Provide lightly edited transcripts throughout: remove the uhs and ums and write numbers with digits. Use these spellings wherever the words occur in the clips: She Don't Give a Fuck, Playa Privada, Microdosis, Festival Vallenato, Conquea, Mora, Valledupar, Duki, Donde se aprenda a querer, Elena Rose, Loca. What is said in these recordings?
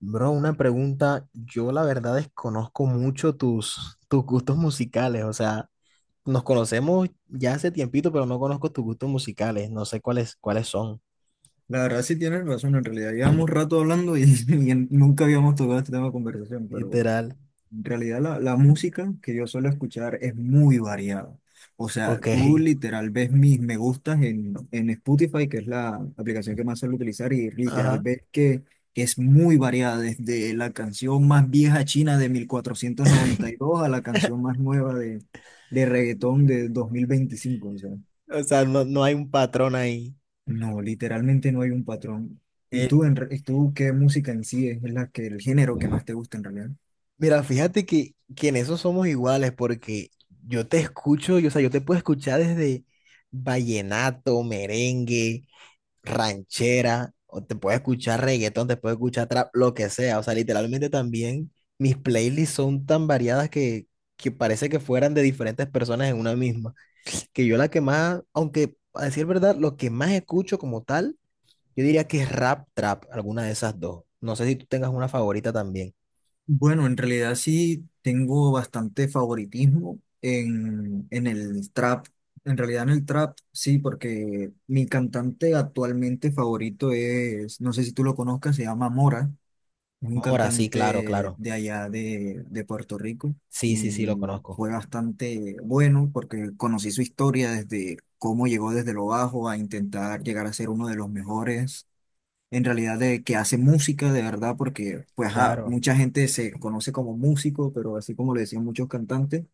Bro, una pregunta. Yo la verdad desconozco mucho tus gustos musicales. O sea, nos conocemos ya hace tiempito, pero no conozco tus gustos musicales. No sé cuáles son. La verdad sí tienes razón, en realidad llevamos rato hablando y, nunca habíamos tocado este tema de conversación, pero Literal. en realidad la música que yo suelo escuchar es muy variada. O sea, Ok. tú literal ves mis me gustas en Spotify, que es la aplicación que más suelo utilizar, y literal Ajá. ves que es muy variada, desde la canción más vieja china de mil cuatrocientos noventa y dos a la canción más nueva de, reggaetón de 2025. O sea. O sea, no hay un patrón ahí. No, literalmente no hay un patrón. ¿Y Eh, tú, qué música en sí es la que, el género que más te gusta en realidad? Mira, fíjate que en eso somos iguales porque yo te escucho, yo, o sea, yo te puedo escuchar desde vallenato, merengue, ranchera, o te puedes escuchar reggaetón, te puedes escuchar trap, lo que sea. O sea, literalmente también mis playlists son tan variadas que parece que fueran de diferentes personas en una misma. Que yo la que más, aunque a decir verdad, lo que más escucho como tal, yo diría que es rap, trap, alguna de esas dos. No sé si tú tengas una favorita también. Bueno, en realidad sí tengo bastante favoritismo en, el trap. En realidad en el trap sí, porque mi cantante actualmente favorito es, no sé si tú lo conozcas, se llama Mora. Es un Mora, sí, claro, cantante claro. de allá de de Puerto Rico Sí, y sí, sí, lo conozco. fue bastante bueno porque conocí su historia desde cómo llegó desde lo bajo a intentar llegar a ser uno de los mejores. En realidad de que hace música de verdad porque pues ajá, Claro, mucha gente se conoce como músico, pero así como le decían muchos cantantes,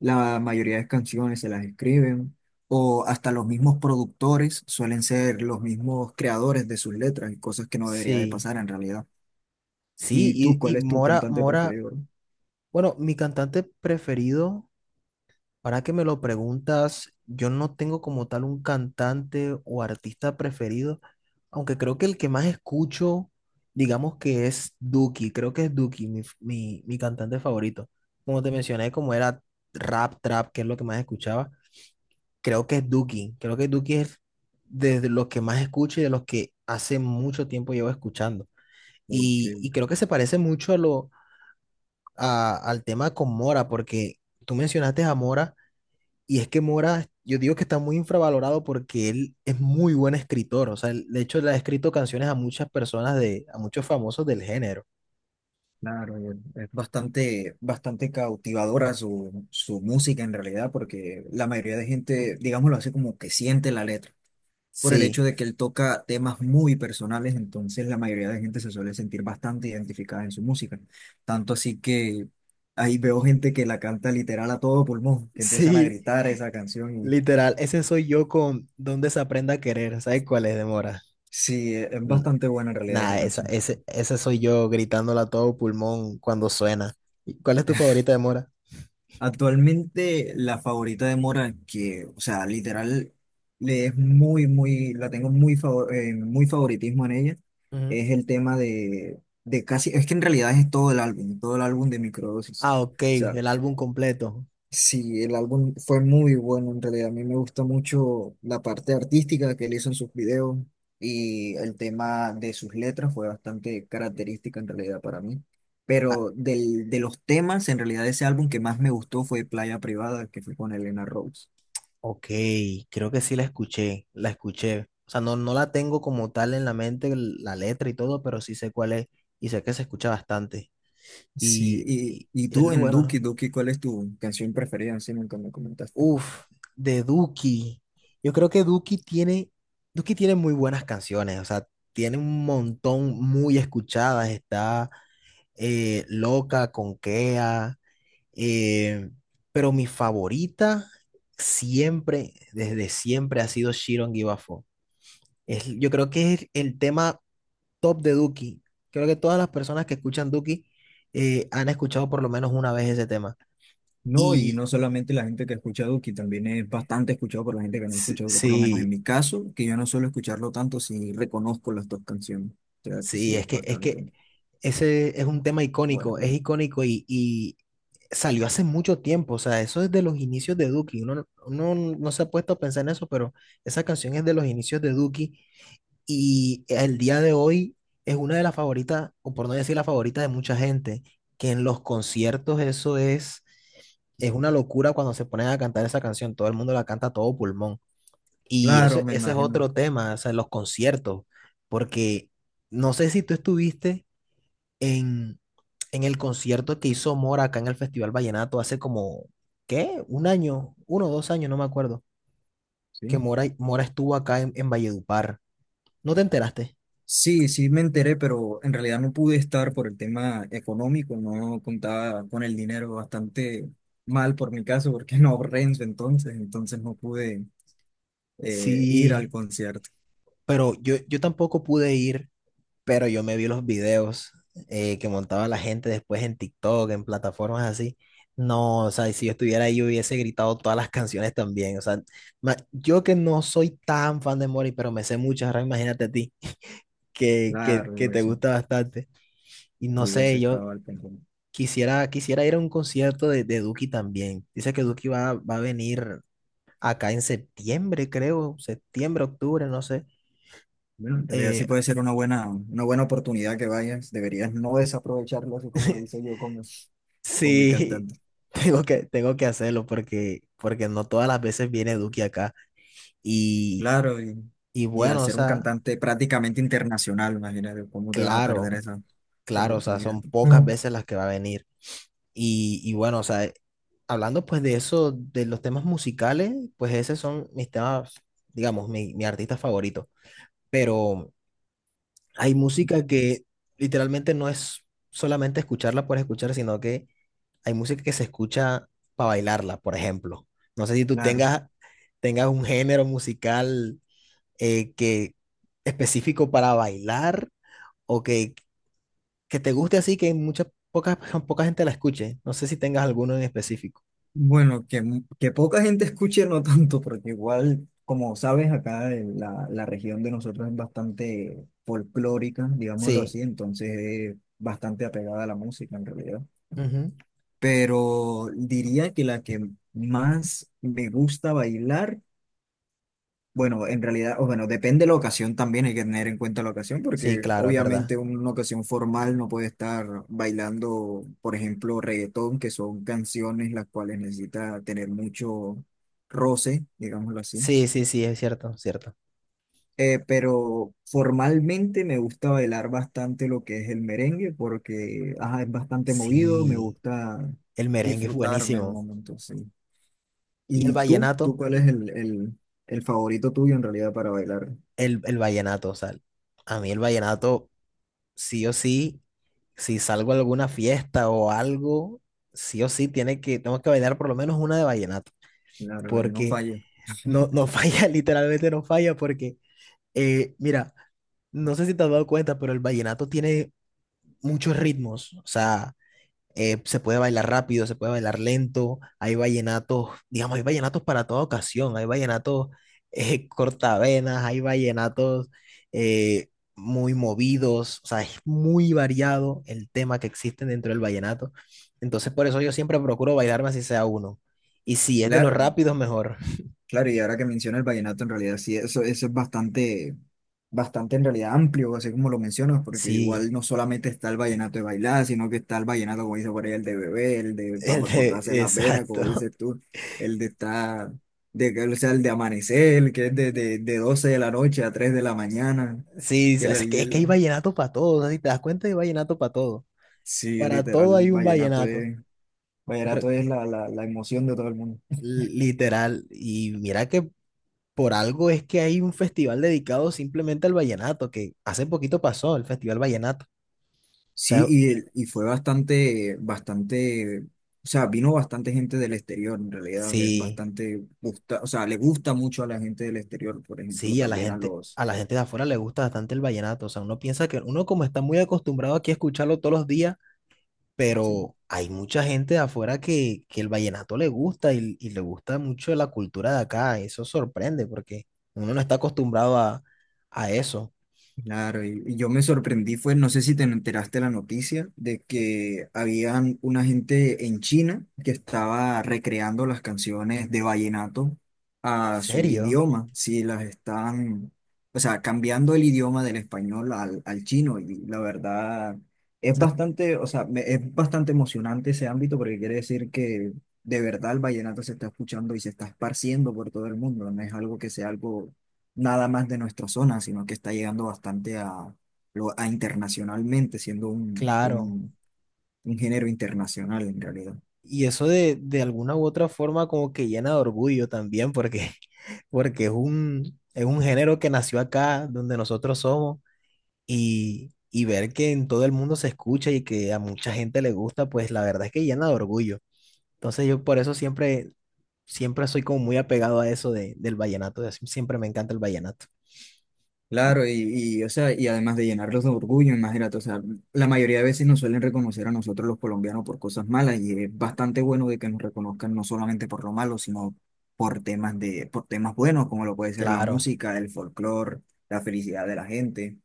la mayoría de canciones se las escriben o hasta los mismos productores suelen ser los mismos creadores de sus letras y cosas que no debería de sí. pasar en realidad. Sí, ¿Y tú, y cuál es tu Mora, cantante Mora, preferido? bueno, mi cantante preferido. Ahora que me lo preguntas, yo no tengo como tal un cantante o artista preferido, aunque creo que el que más escucho, digamos que es Duki, creo que es Duki, mi, mi, mi cantante favorito. Como te mencioné, como era rap, trap, que es lo que más escuchaba, creo que es Duki, creo que Duki es de los que más escucho y de los que hace mucho tiempo llevo escuchando. Porque, Y creo que se parece mucho a lo, al tema con Mora, porque tú mencionaste a Mora. Y es que Mora, yo digo que está muy infravalorado porque él es muy buen escritor. O sea, de hecho, le ha escrito canciones a muchas personas de, a muchos famosos del género. claro, y es bastante, bastante cautivadora su, música en realidad, porque la mayoría de gente, digámoslo así, como que siente la letra, por el Sí, hecho de que él toca temas muy personales, entonces la mayoría de gente se suele sentir bastante identificada en su música. Tanto así que ahí veo gente que la canta literal a todo pulmón, que empiezan a sí, gritar esa canción y literal. Ese soy yo con Donde se aprenda a querer. ¿Sabes cuál es de Mora? sí, es N- bastante buena en realidad esa Nada, esa, canción. ese soy yo gritándola a todo pulmón cuando suena. ¿Y ¿Cuál es tu favorita de Mora? Actualmente la favorita de Mora, que, o sea, literal, le es muy, muy, la tengo muy, favor- muy favoritismo en ella, Ujú. es el tema de casi, es que en realidad es todo el álbum de Microdosis. Ah, ok, el álbum completo. Sí, el álbum fue muy bueno en realidad. A mí me gusta mucho la parte artística que él hizo en sus videos y el tema de sus letras fue bastante característica en realidad para mí. Pero del, de los temas, en realidad ese álbum que más me gustó fue Playa Privada, que fue con Elena Rose. Ok, creo que sí la escuché, la escuché. O sea, no, no la tengo como tal en la mente, la letra y todo, pero sí sé cuál es y sé que se escucha bastante. Sí, Y y es tú lo en Duki, bueno. ¿Cuál es tu canción preferida? Si nunca me comentaste. Uf, de Duki. Yo creo que Duki tiene muy buenas canciones, o sea, tiene un montón muy escuchadas. Está Loca, Conquea, eh, pero mi favorita siempre, desde siempre, ha sido She Don't Give a Fuck. Es, yo creo que es el tema top de Duki. Creo que todas las personas que escuchan Duki han escuchado por lo menos una vez ese tema. No, y Y no solamente la gente que escucha Duki, también es bastante escuchado por la gente que no sí, escucha Duki, por lo menos en sí, mi caso, que yo no suelo escucharlo tanto si reconozco las dos canciones. O sea que sí, sí, es es bastante que ese es un tema icónico, bueno. es icónico y salió hace mucho tiempo. O sea, eso es de los inicios de Duki. Uno no se ha puesto a pensar en eso, pero esa canción es de los inicios de Duki. Y el día de hoy es una de las favoritas, o por no decir la favorita de mucha gente, que en los conciertos eso es una locura cuando se ponen a cantar esa canción, todo el mundo la canta a todo pulmón. Y ese, Claro, me ese es imagino. otro tema, o sea, los conciertos, porque no sé si tú estuviste en, en el concierto que hizo Mora acá en el Festival Vallenato hace como, ¿qué? Un año, uno o dos años, no me acuerdo, que Sí, Mora estuvo acá en Valledupar. ¿No te enteraste? sí, sí me enteré, pero en realidad no pude estar por el tema económico, no contaba con el dinero, bastante mal por mi caso, porque no ahorré en su entonces, entonces no pude ir al Sí. concierto. Pero yo tampoco pude ir, pero yo me vi los videos que montaba la gente después en TikTok, en plataformas así. No, o sea, si yo estuviera ahí, yo hubiese gritado todas las canciones también. O sea, yo que no soy tan fan de Mori, pero me sé muchas, ahora imagínate a ti, que Claro, te eso. gusta bastante. Y no Y hubiese sé, yo estado al pendiente. quisiera ir a un concierto de Duki también. Dice que va a venir acá en septiembre, creo, septiembre, octubre, no sé. Bueno, en realidad sí Eh, puede ser una buena oportunidad que vayas. Deberías no desaprovecharlo así como lo hice yo con mi Sí, cantante. tengo tengo que hacerlo porque no todas las veces viene Duque acá. Y, Claro, y y al bueno, o ser un sea, cantante prácticamente internacional, imagínate cómo te vas a perder claro, esa claro, o sea, oportunidad. son pocas No. veces las que va a venir. Y bueno, o sea, hablando pues de eso, de los temas musicales, pues esos son mis temas, digamos, mi artista favorito. Pero hay música que literalmente no es solamente escucharla por escuchar, sino que hay música que se escucha para bailarla, por ejemplo. No sé si tú Claro. tengas, tengas un género musical que específico para bailar o que te guste así que mucha, poca, poca gente la escuche. No sé si tengas alguno en específico. Bueno, que, mu- que poca gente escuche, no tanto, porque igual, como sabes, acá en la región de nosotros es bastante folclórica, digámoslo Sí, así, entonces es bastante apegada a la música en realidad. ujú. Pero diría que la que más me gusta bailar, bueno, en realidad, o bueno, depende de la ocasión también, hay que tener en cuenta la ocasión, Sí, porque claro, es verdad. obviamente una ocasión formal no puede estar bailando, por ejemplo, reggaetón, que son canciones las cuales necesita tener mucho roce, digámoslo así. Sí, sí, sí, es cierto, cierto. Pero formalmente me gusta bailar bastante lo que es el merengue porque ajá, es bastante movido, me Sí, gusta el merengue es disfrutarme el buenísimo. momento, sí. ¿Y el ¿Y tú? ¿Tú vallenato? cuál es el favorito tuyo en realidad para bailar? El vallenato, o sea, a mí el vallenato sí o sí si salgo a alguna fiesta o algo, sí o sí tengo que bailar por lo menos una de vallenato, Claro, la que no porque falle. no, no falla, literalmente no falla, porque, mira, no sé si te has dado cuenta, pero el vallenato tiene muchos ritmos, o sea, se puede bailar rápido, se puede bailar lento, hay vallenatos, digamos, hay vallenatos para toda ocasión, hay vallenatos cortavenas, hay vallenatos eh, muy movidos, o sea, es muy variado el tema que existe dentro del vallenato. Entonces, por eso yo siempre procuro bailarme así sea uno. Y si es de los Claro, rápidos, mejor. claro, y ahora que menciona el vallenato, en realidad sí, eso es bastante, bastante en realidad amplio, así como lo mencionas, porque Sí, igual no solamente está el vallenato de bailar, sino que está el vallenato, como dice por ahí, el de bebé, el de para cortarse las venas, como exacto. dices tú, el de estar, de, que- o sea, el de amanecer, el que es de, de 12 de la noche a 3 de la mañana, Sí, que es que hay vallenato para todo, o sea, si te das cuenta, hay vallenato para todo. sí, Para literal, todo el hay un vallenato vallenato. es Yo vallenato creo, es la emoción de todo el mundo. literal, y mira que por algo es que hay un festival dedicado simplemente al vallenato, que hace poquito pasó el Festival Vallenato. O Sí, sea, y, y fue bastante, bastante, o sea, vino bastante gente del exterior, en realidad es sí, bastante, gusta, o sea, le gusta mucho a la gente del exterior, por ejemplo, sí, también a los, a la gente de afuera le gusta bastante el vallenato. O sea, uno piensa que uno como está muy acostumbrado aquí a escucharlo todos los días, sí. pero hay mucha gente de afuera que el vallenato le gusta y le gusta mucho la cultura de acá. Eso sorprende porque uno no está acostumbrado a eso. Claro, y yo me sorprendí fue, no sé si te enteraste la noticia de que habían una gente en China que estaba recreando las canciones de vallenato En a su serio. idioma, si las están, o sea, cambiando el idioma del español al, al chino y la verdad O es sea, bastante, o sea, es bastante emocionante ese ámbito porque quiere decir que de verdad el vallenato se está escuchando y se está esparciendo por todo el mundo, no es algo que sea algo nada más de nuestra zona, sino que está llegando bastante a, internacionalmente, siendo un, claro. un género internacional en realidad. Y eso de alguna u otra forma como que llena de orgullo también, porque, porque es un género que nació acá, donde nosotros somos, y ver que en todo el mundo se escucha y que a mucha gente le gusta, pues la verdad es que llena de orgullo. Entonces yo por eso siempre, siempre soy como muy apegado a eso de, del vallenato, siempre me encanta el vallenato. Y Claro, y, o sea, y además de llenarlos de orgullo, imagínate, o sea, la mayoría de veces nos suelen reconocer a nosotros los colombianos por cosas malas y es bastante bueno de que nos reconozcan no solamente por lo malo, sino por temas de, por temas buenos, como lo puede ser la claro, música, el folclore, la felicidad de la gente.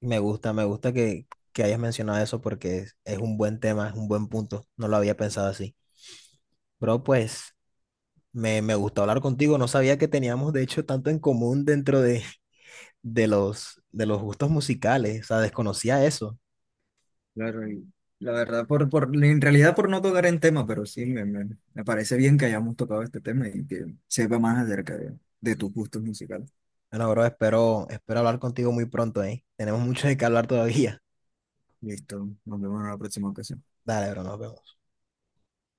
me gusta que hayas mencionado eso porque es un buen tema, es un buen punto, no lo había pensado así. Bro, pues... Me gustó hablar contigo, no sabía que teníamos de hecho tanto en común dentro de los gustos musicales, o sea, desconocía eso. Claro, y la verdad, en realidad por no tocar en tema, pero sí, me parece bien que hayamos tocado este tema y que sepa más acerca de, tus gustos musicales. Bueno, bro, espero, espero hablar contigo muy pronto, ¿eh? Tenemos mucho de qué hablar todavía. Listo, nos vemos en la próxima ocasión. Dale, bro, nos vemos.